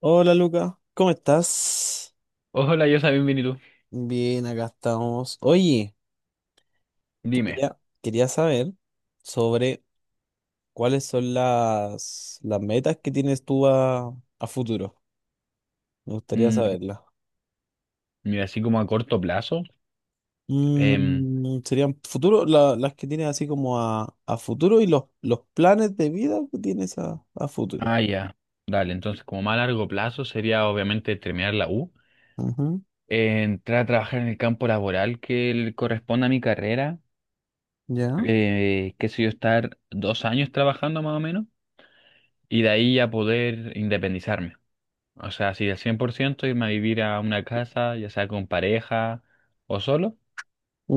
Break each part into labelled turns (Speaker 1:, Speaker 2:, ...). Speaker 1: Hola Luca, ¿cómo estás?
Speaker 2: Hola, yo soy bienvenido.
Speaker 1: Bien, acá estamos. Oye,
Speaker 2: Dime,
Speaker 1: quería saber sobre cuáles son las metas que tienes tú a futuro. Me gustaría
Speaker 2: mm,
Speaker 1: saberlas.
Speaker 2: mira, así como a corto plazo, em,
Speaker 1: Serían futuro, las que tienes así como a futuro y los planes de vida que tienes a futuro.
Speaker 2: ya, dale. Entonces, como más a largo plazo, sería obviamente terminar la U,
Speaker 1: Ujú,
Speaker 2: entrar a trabajar en el campo laboral que le corresponde a mi carrera,
Speaker 1: ya,
Speaker 2: qué sé yo, estar 2 años trabajando más o menos, y de ahí ya poder independizarme. O sea, así al 100% irme a vivir a una casa, ya sea con pareja o solo.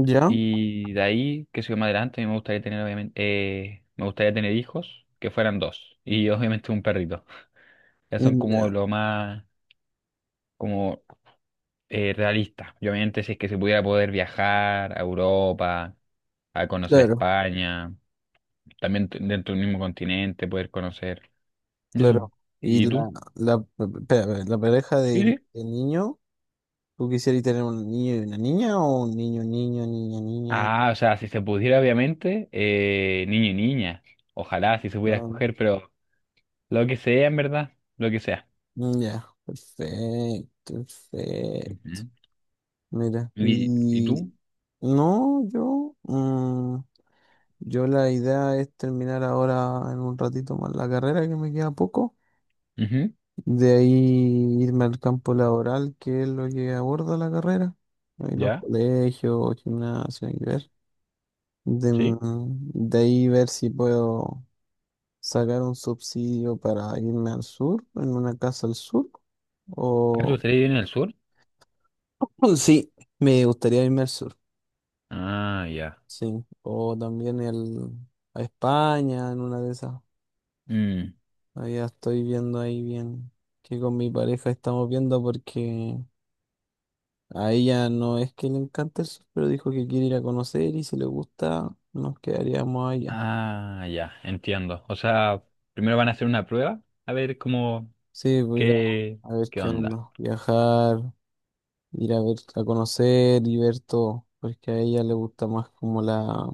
Speaker 1: ya,
Speaker 2: Y de ahí, qué sé yo, más adelante, a mí me gustaría tener, obviamente, me gustaría tener hijos que fueran dos. Y obviamente un perrito. Ya son
Speaker 1: ya.
Speaker 2: como lo más, como realista. Y obviamente, si es que se pudiera, poder viajar a Europa, a conocer
Speaker 1: Claro,
Speaker 2: España, también dentro del mismo continente, poder conocer. Y eso.
Speaker 1: claro. Y
Speaker 2: ¿Y tú?
Speaker 1: espérame, la pareja
Speaker 2: Sí,
Speaker 1: de,
Speaker 2: sí.
Speaker 1: de niño. ¿Tú quisieras tener un niño y una niña o un niño, niño, niña, niña?
Speaker 2: Ah, o sea, si se pudiera, obviamente, niño y niña. Ojalá, si se pudiera
Speaker 1: Ah,
Speaker 2: escoger, pero lo que sea, en verdad, lo que sea.
Speaker 1: mm, ya, perfecto, perfecto.
Speaker 2: Ujú.
Speaker 1: Mira,
Speaker 2: Y tú?
Speaker 1: y no, yo, la idea es terminar ahora en un ratito más la carrera, que me queda poco.
Speaker 2: Ujú.
Speaker 1: De ahí irme al campo laboral, que es lo que aborda la carrera. Ahí los
Speaker 2: ¿Ya?
Speaker 1: colegios, gimnasios, hay que ver. De,
Speaker 2: ¿Sí?
Speaker 1: mm, de ahí ver si puedo sacar un subsidio para irme al sur, en una casa al sur,
Speaker 2: Ah, ¿tú
Speaker 1: o
Speaker 2: estás en el sur?
Speaker 1: sí, me gustaría irme al sur,
Speaker 2: Ah, ya.
Speaker 1: sí, o también a España, en una de esas,
Speaker 2: Mm.
Speaker 1: ahí estoy viendo ahí bien, que con mi pareja estamos viendo porque a ella no es que le encante el sur, pero dijo que quiere ir a conocer y si le gusta, nos quedaríamos allá.
Speaker 2: Ah, ya, entiendo. O sea, primero van a hacer una prueba, a ver cómo,
Speaker 1: Sí, voy a ir
Speaker 2: qué,
Speaker 1: a ver
Speaker 2: qué
Speaker 1: qué
Speaker 2: onda.
Speaker 1: onda, viajar, ir a ver, a conocer y ver todo, porque a ella le gusta más como la,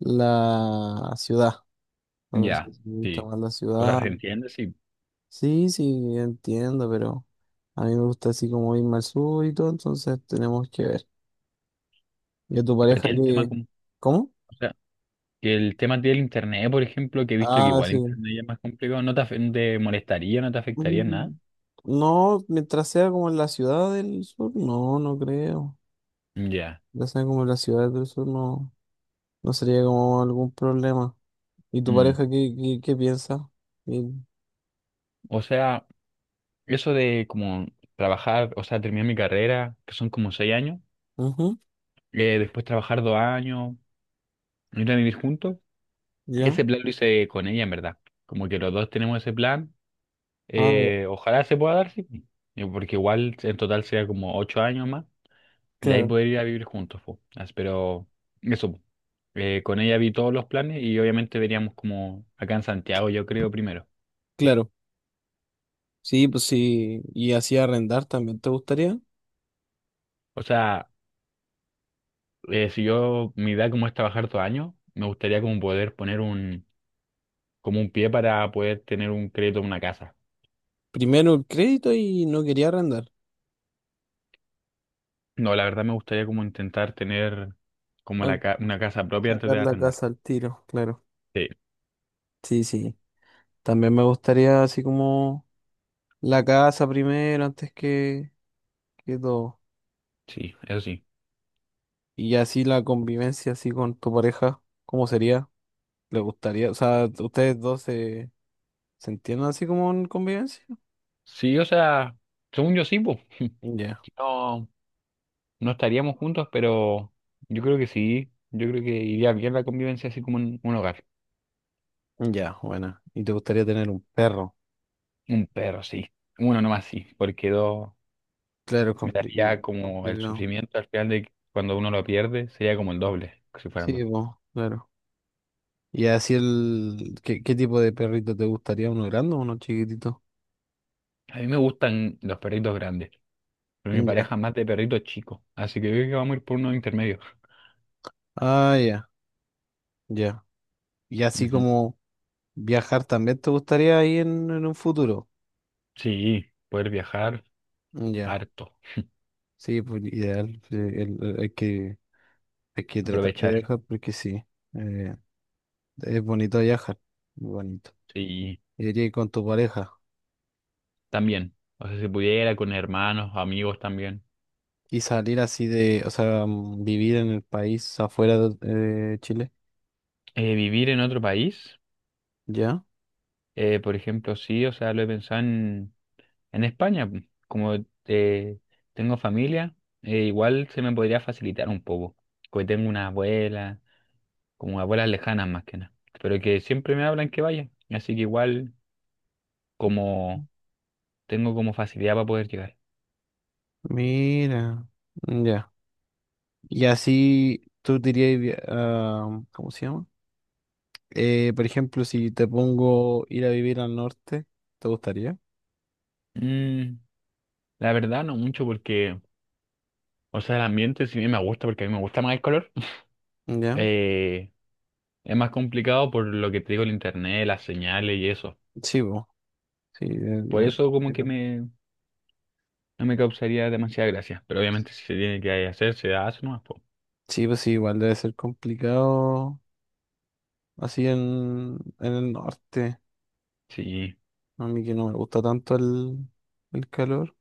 Speaker 1: la ciudad. A ver si
Speaker 2: Ya,
Speaker 1: le gusta
Speaker 2: sí.
Speaker 1: más la
Speaker 2: O sea,
Speaker 1: ciudad.
Speaker 2: se entiende, sí.
Speaker 1: Sí, sí, yo entiendo, pero a mí me gusta así como irme al sur y todo, entonces tenemos que ver. ¿Y a tu
Speaker 2: Pero
Speaker 1: pareja
Speaker 2: tiene el tema,
Speaker 1: qué? ¿Cómo?
Speaker 2: o sea, que el tema del internet, por ejemplo, que he visto que
Speaker 1: Ah,
Speaker 2: igual
Speaker 1: sí.
Speaker 2: internet ya es más complicado, no te, no te molestaría, no te afectaría en
Speaker 1: Mm,
Speaker 2: nada.
Speaker 1: No, mientras sea como en la ciudad del sur, no, no creo.
Speaker 2: Ya.
Speaker 1: Mientras sea como en la ciudad del sur, no, no sería como algún problema. ¿Y tu
Speaker 2: Mm.
Speaker 1: pareja qué, qué piensa?
Speaker 2: O sea, eso de como trabajar, o sea, terminar mi carrera, que son como 6 años.
Speaker 1: Ujú,
Speaker 2: Después trabajar 2 años, ir a vivir juntos.
Speaker 1: ya.
Speaker 2: Ese plan lo hice con ella, en verdad. Como que los dos tenemos ese plan.
Speaker 1: Ah,
Speaker 2: Ojalá se pueda dar, sí. Porque igual en total sería como 8 años más. Y ahí
Speaker 1: claro,
Speaker 2: poder ir a vivir juntos, po. Pero eso, po. Con ella vi todos los planes y obviamente veríamos como acá en Santiago, yo creo, primero.
Speaker 1: claro. Sí, pues sí. Y así arrendar también te gustaría.
Speaker 2: O sea, si yo, mi idea como es trabajar 2 años, me gustaría como poder poner un, como un pie para poder tener un crédito en una casa.
Speaker 1: Primero el crédito y no quería arrendar.
Speaker 2: No, la verdad me gustaría como intentar tener como la
Speaker 1: Al
Speaker 2: una casa propia antes
Speaker 1: sacar
Speaker 2: de
Speaker 1: la
Speaker 2: arrendar.
Speaker 1: casa al tiro, claro.
Speaker 2: Sí,
Speaker 1: Sí, sí. También me gustaría así como la casa primero antes que todo.
Speaker 2: sí, eso sí.
Speaker 1: Y así la convivencia así con tu pareja, ¿cómo sería? ¿Le gustaría? O sea, ¿ustedes dos se entienden así como en convivencia?
Speaker 2: Sí, o sea, según yo sí, pues.
Speaker 1: Ya,
Speaker 2: No, no estaríamos juntos, pero yo creo que sí. Yo creo que iría bien la convivencia así como en un hogar.
Speaker 1: ya, bueno. ¿Y te gustaría tener un perro?
Speaker 2: Un perro, sí. Uno nomás sí, porque dos
Speaker 1: Claro,
Speaker 2: me daría como el
Speaker 1: complicado.
Speaker 2: sufrimiento al final, de que cuando uno lo pierde sería como el doble, que si fueran
Speaker 1: Sí,
Speaker 2: dos.
Speaker 1: po, claro. Y así el. ¿Qué, tipo de perrito te gustaría? ¿Uno grande o uno chiquitito?
Speaker 2: A mí me gustan los perritos grandes, pero mi
Speaker 1: Ya.
Speaker 2: pareja más de perritos chicos, así que yo creo que vamos a ir por unos intermedios.
Speaker 1: Ah, ya, ya. Y así
Speaker 2: Ujú.
Speaker 1: como viajar también te gustaría ahí en un futuro.
Speaker 2: Sí, poder viajar
Speaker 1: Ya.
Speaker 2: harto,
Speaker 1: Sí, pues ideal. Sí, hay que tratar de
Speaker 2: aprovechar.
Speaker 1: viajar porque sí. eh, es bonito viajar. Muy bonito.
Speaker 2: Sí,
Speaker 1: Y diría que con tu pareja.
Speaker 2: también. O sea, si pudiera, con hermanos, amigos también.
Speaker 1: Y salir así de, o sea, vivir en el país afuera de Chile.
Speaker 2: Vivir en otro país,
Speaker 1: ¿Ya?
Speaker 2: por ejemplo, sí, o sea, lo he pensado en España, pu. Como eh, tengo familia, igual se me podría facilitar un poco. Porque tengo una abuela, como abuelas lejanas más que nada. Pero que siempre me hablan que vaya. Así que igual, como tengo como facilidad para poder llegar.
Speaker 1: Mira, ya. Y así tú dirías, ¿cómo se llama? Por ejemplo, si te pongo ir a vivir al norte, ¿te gustaría?
Speaker 2: Mm, la verdad no mucho porque, o sea, el ambiente sí me gusta, porque a mí me gusta más el color.
Speaker 1: Ya.
Speaker 2: Eh, es más complicado por lo que te digo, el internet, las señales y eso.
Speaker 1: Sí, pues. Sí,
Speaker 2: Por
Speaker 1: igual
Speaker 2: eso como que
Speaker 1: complicado.
Speaker 2: me, no me causaría demasiada gracia. Pero obviamente si se tiene que hacer, se hace nomás, po.
Speaker 1: Sí, pues sí, igual debe ser complicado así en el norte.
Speaker 2: Sí.
Speaker 1: A mí que no me gusta tanto el calor,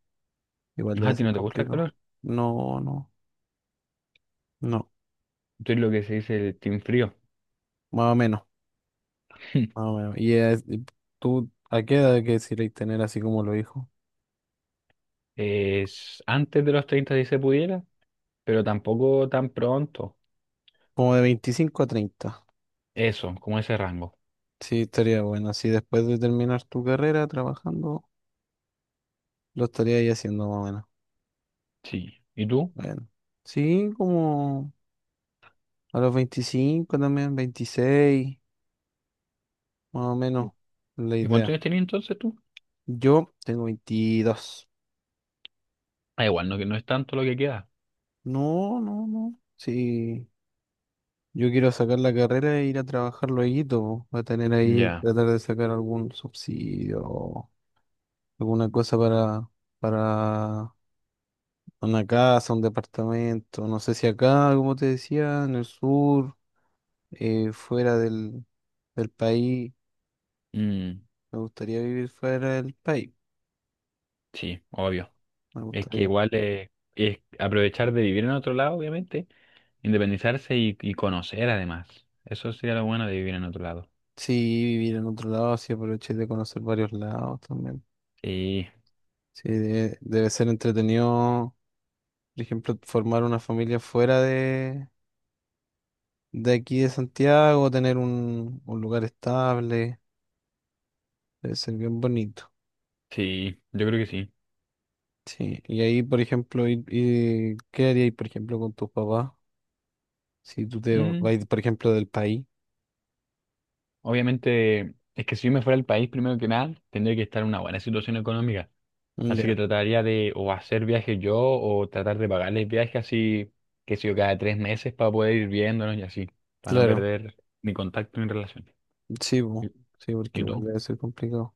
Speaker 1: igual
Speaker 2: Ah,
Speaker 1: debe
Speaker 2: ¿a ti
Speaker 1: ser
Speaker 2: no te gusta el
Speaker 1: complicado.
Speaker 2: calor?
Speaker 1: No, no, no.
Speaker 2: Tú eres lo que se dice el team frío.
Speaker 1: Más o menos, más o menos. Y tú, ¿a qué edad quisierais tener así como los hijos?
Speaker 2: Es antes de los 30, si se pudiera, pero tampoco tan pronto.
Speaker 1: Como de 25 a 30.
Speaker 2: Eso, como ese rango.
Speaker 1: Sí, estaría bueno. Así después de terminar tu carrera trabajando, lo estaría ahí haciendo más o menos.
Speaker 2: Sí. ¿Y tú?
Speaker 1: Bueno. Sí, como a los 25 también, 26, más o menos
Speaker 2: Sí.
Speaker 1: la
Speaker 2: ¿Y cuántos
Speaker 1: idea.
Speaker 2: años tenías entonces tú?
Speaker 1: Yo tengo 22.
Speaker 2: Ah, igual, no, que no es tanto lo que queda.
Speaker 1: No, no, no. Sí, yo quiero sacar la carrera e ir a trabajar lueguito, po. Voy a tener ahí,
Speaker 2: Ya.
Speaker 1: tratar de sacar algún subsidio, alguna cosa para una casa, un departamento, no sé si acá, como te decía, en el sur, fuera del país.
Speaker 2: Mm.
Speaker 1: Me gustaría vivir fuera del país,
Speaker 2: Sí, obvio.
Speaker 1: me
Speaker 2: Es que
Speaker 1: gustaría.
Speaker 2: igual, es aprovechar de vivir en otro lado, obviamente, independizarse y conocer además. Eso sería lo bueno de vivir en otro lado.
Speaker 1: Sí, vivir en otro lado, así aproveché de conocer varios lados también.
Speaker 2: Sí,
Speaker 1: Sí, debe ser entretenido, por ejemplo, formar una familia fuera de aquí de Santiago, tener un lugar estable, debe ser bien bonito.
Speaker 2: sí, yo creo que sí.
Speaker 1: Sí, y ahí, por ejemplo, ¿qué haríais, por ejemplo, con tus papás? Si tú te vas,
Speaker 2: Mm,
Speaker 1: por ejemplo, del país.
Speaker 2: obviamente, es que si yo me fuera al país, primero que nada, tendría que estar en una buena situación económica.
Speaker 1: Mm,
Speaker 2: Así que
Speaker 1: ya,
Speaker 2: trataría de o hacer viajes yo o tratar de pagarles viajes, así, que sé yo, cada 3 meses para poder ir viéndonos y así, para no
Speaker 1: claro.
Speaker 2: perder mi contacto ni relación.
Speaker 1: Sí,
Speaker 2: ¿Y,
Speaker 1: bo. Sí, porque
Speaker 2: y
Speaker 1: igual
Speaker 2: tú?
Speaker 1: debe ser complicado.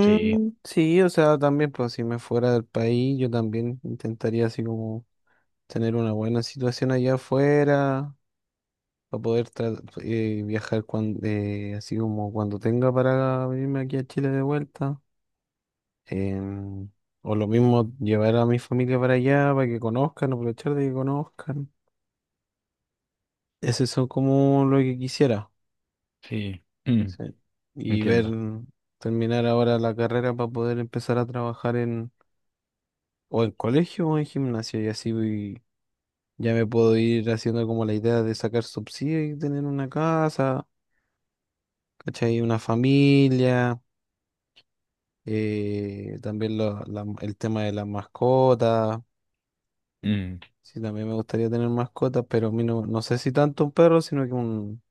Speaker 2: Sí,
Speaker 1: Sí, o sea, también, pues si me fuera del país, yo también intentaría así como tener una buena situación allá afuera, para poder viajar cuando, así como cuando tenga para venirme aquí a Chile de vuelta. Em, o lo mismo, llevar a mi familia para allá, para que conozcan, aprovechar de que conozcan. Ese son como lo que quisiera.
Speaker 2: sí.
Speaker 1: Sí. Y ver,
Speaker 2: Entiendo.
Speaker 1: terminar ahora la carrera para poder empezar a trabajar o en colegio o en gimnasia, y así ya me puedo ir haciendo como la idea de sacar subsidio y tener una casa, ¿cachai? Una familia, también el tema de las mascotas,
Speaker 2: Mm.
Speaker 1: sí, también me gustaría tener mascotas, pero a mí no, no sé si tanto un perro, sino que un,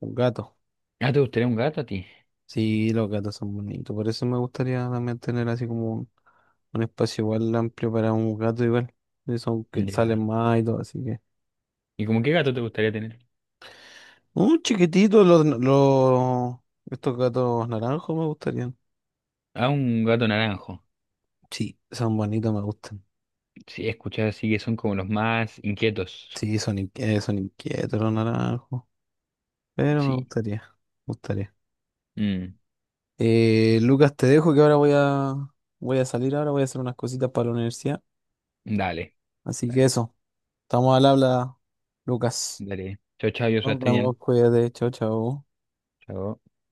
Speaker 1: un gato.
Speaker 2: Ah, ¿te gustaría un gato a ti?
Speaker 1: Sí, los gatos son bonitos. Por eso me gustaría también tener así como un espacio igual amplio para un gato igual. Y son que
Speaker 2: Ya.
Speaker 1: salen más y todo, así que.
Speaker 2: ¿Y como qué gato te gustaría tener?
Speaker 1: Un chiquitito, estos gatos naranjos me gustarían.
Speaker 2: Ah, un gato naranjo.
Speaker 1: Sí, son bonitos, me gustan.
Speaker 2: Sí, escuchar así que son como los más inquietos.
Speaker 1: Sí, son inquietos los naranjos. Pero me
Speaker 2: Sí.
Speaker 1: gustaría, me gustaría.
Speaker 2: Mm.
Speaker 1: Lucas, te dejo que ahora voy a salir ahora, voy a hacer unas cositas para la universidad.
Speaker 2: Dale,
Speaker 1: Así que
Speaker 2: dale,
Speaker 1: eso, estamos al habla, Lucas.
Speaker 2: dale. Chao, chao, yo
Speaker 1: Nos
Speaker 2: estoy bien.
Speaker 1: vemos, cuídate, chao, chao.
Speaker 2: Chao.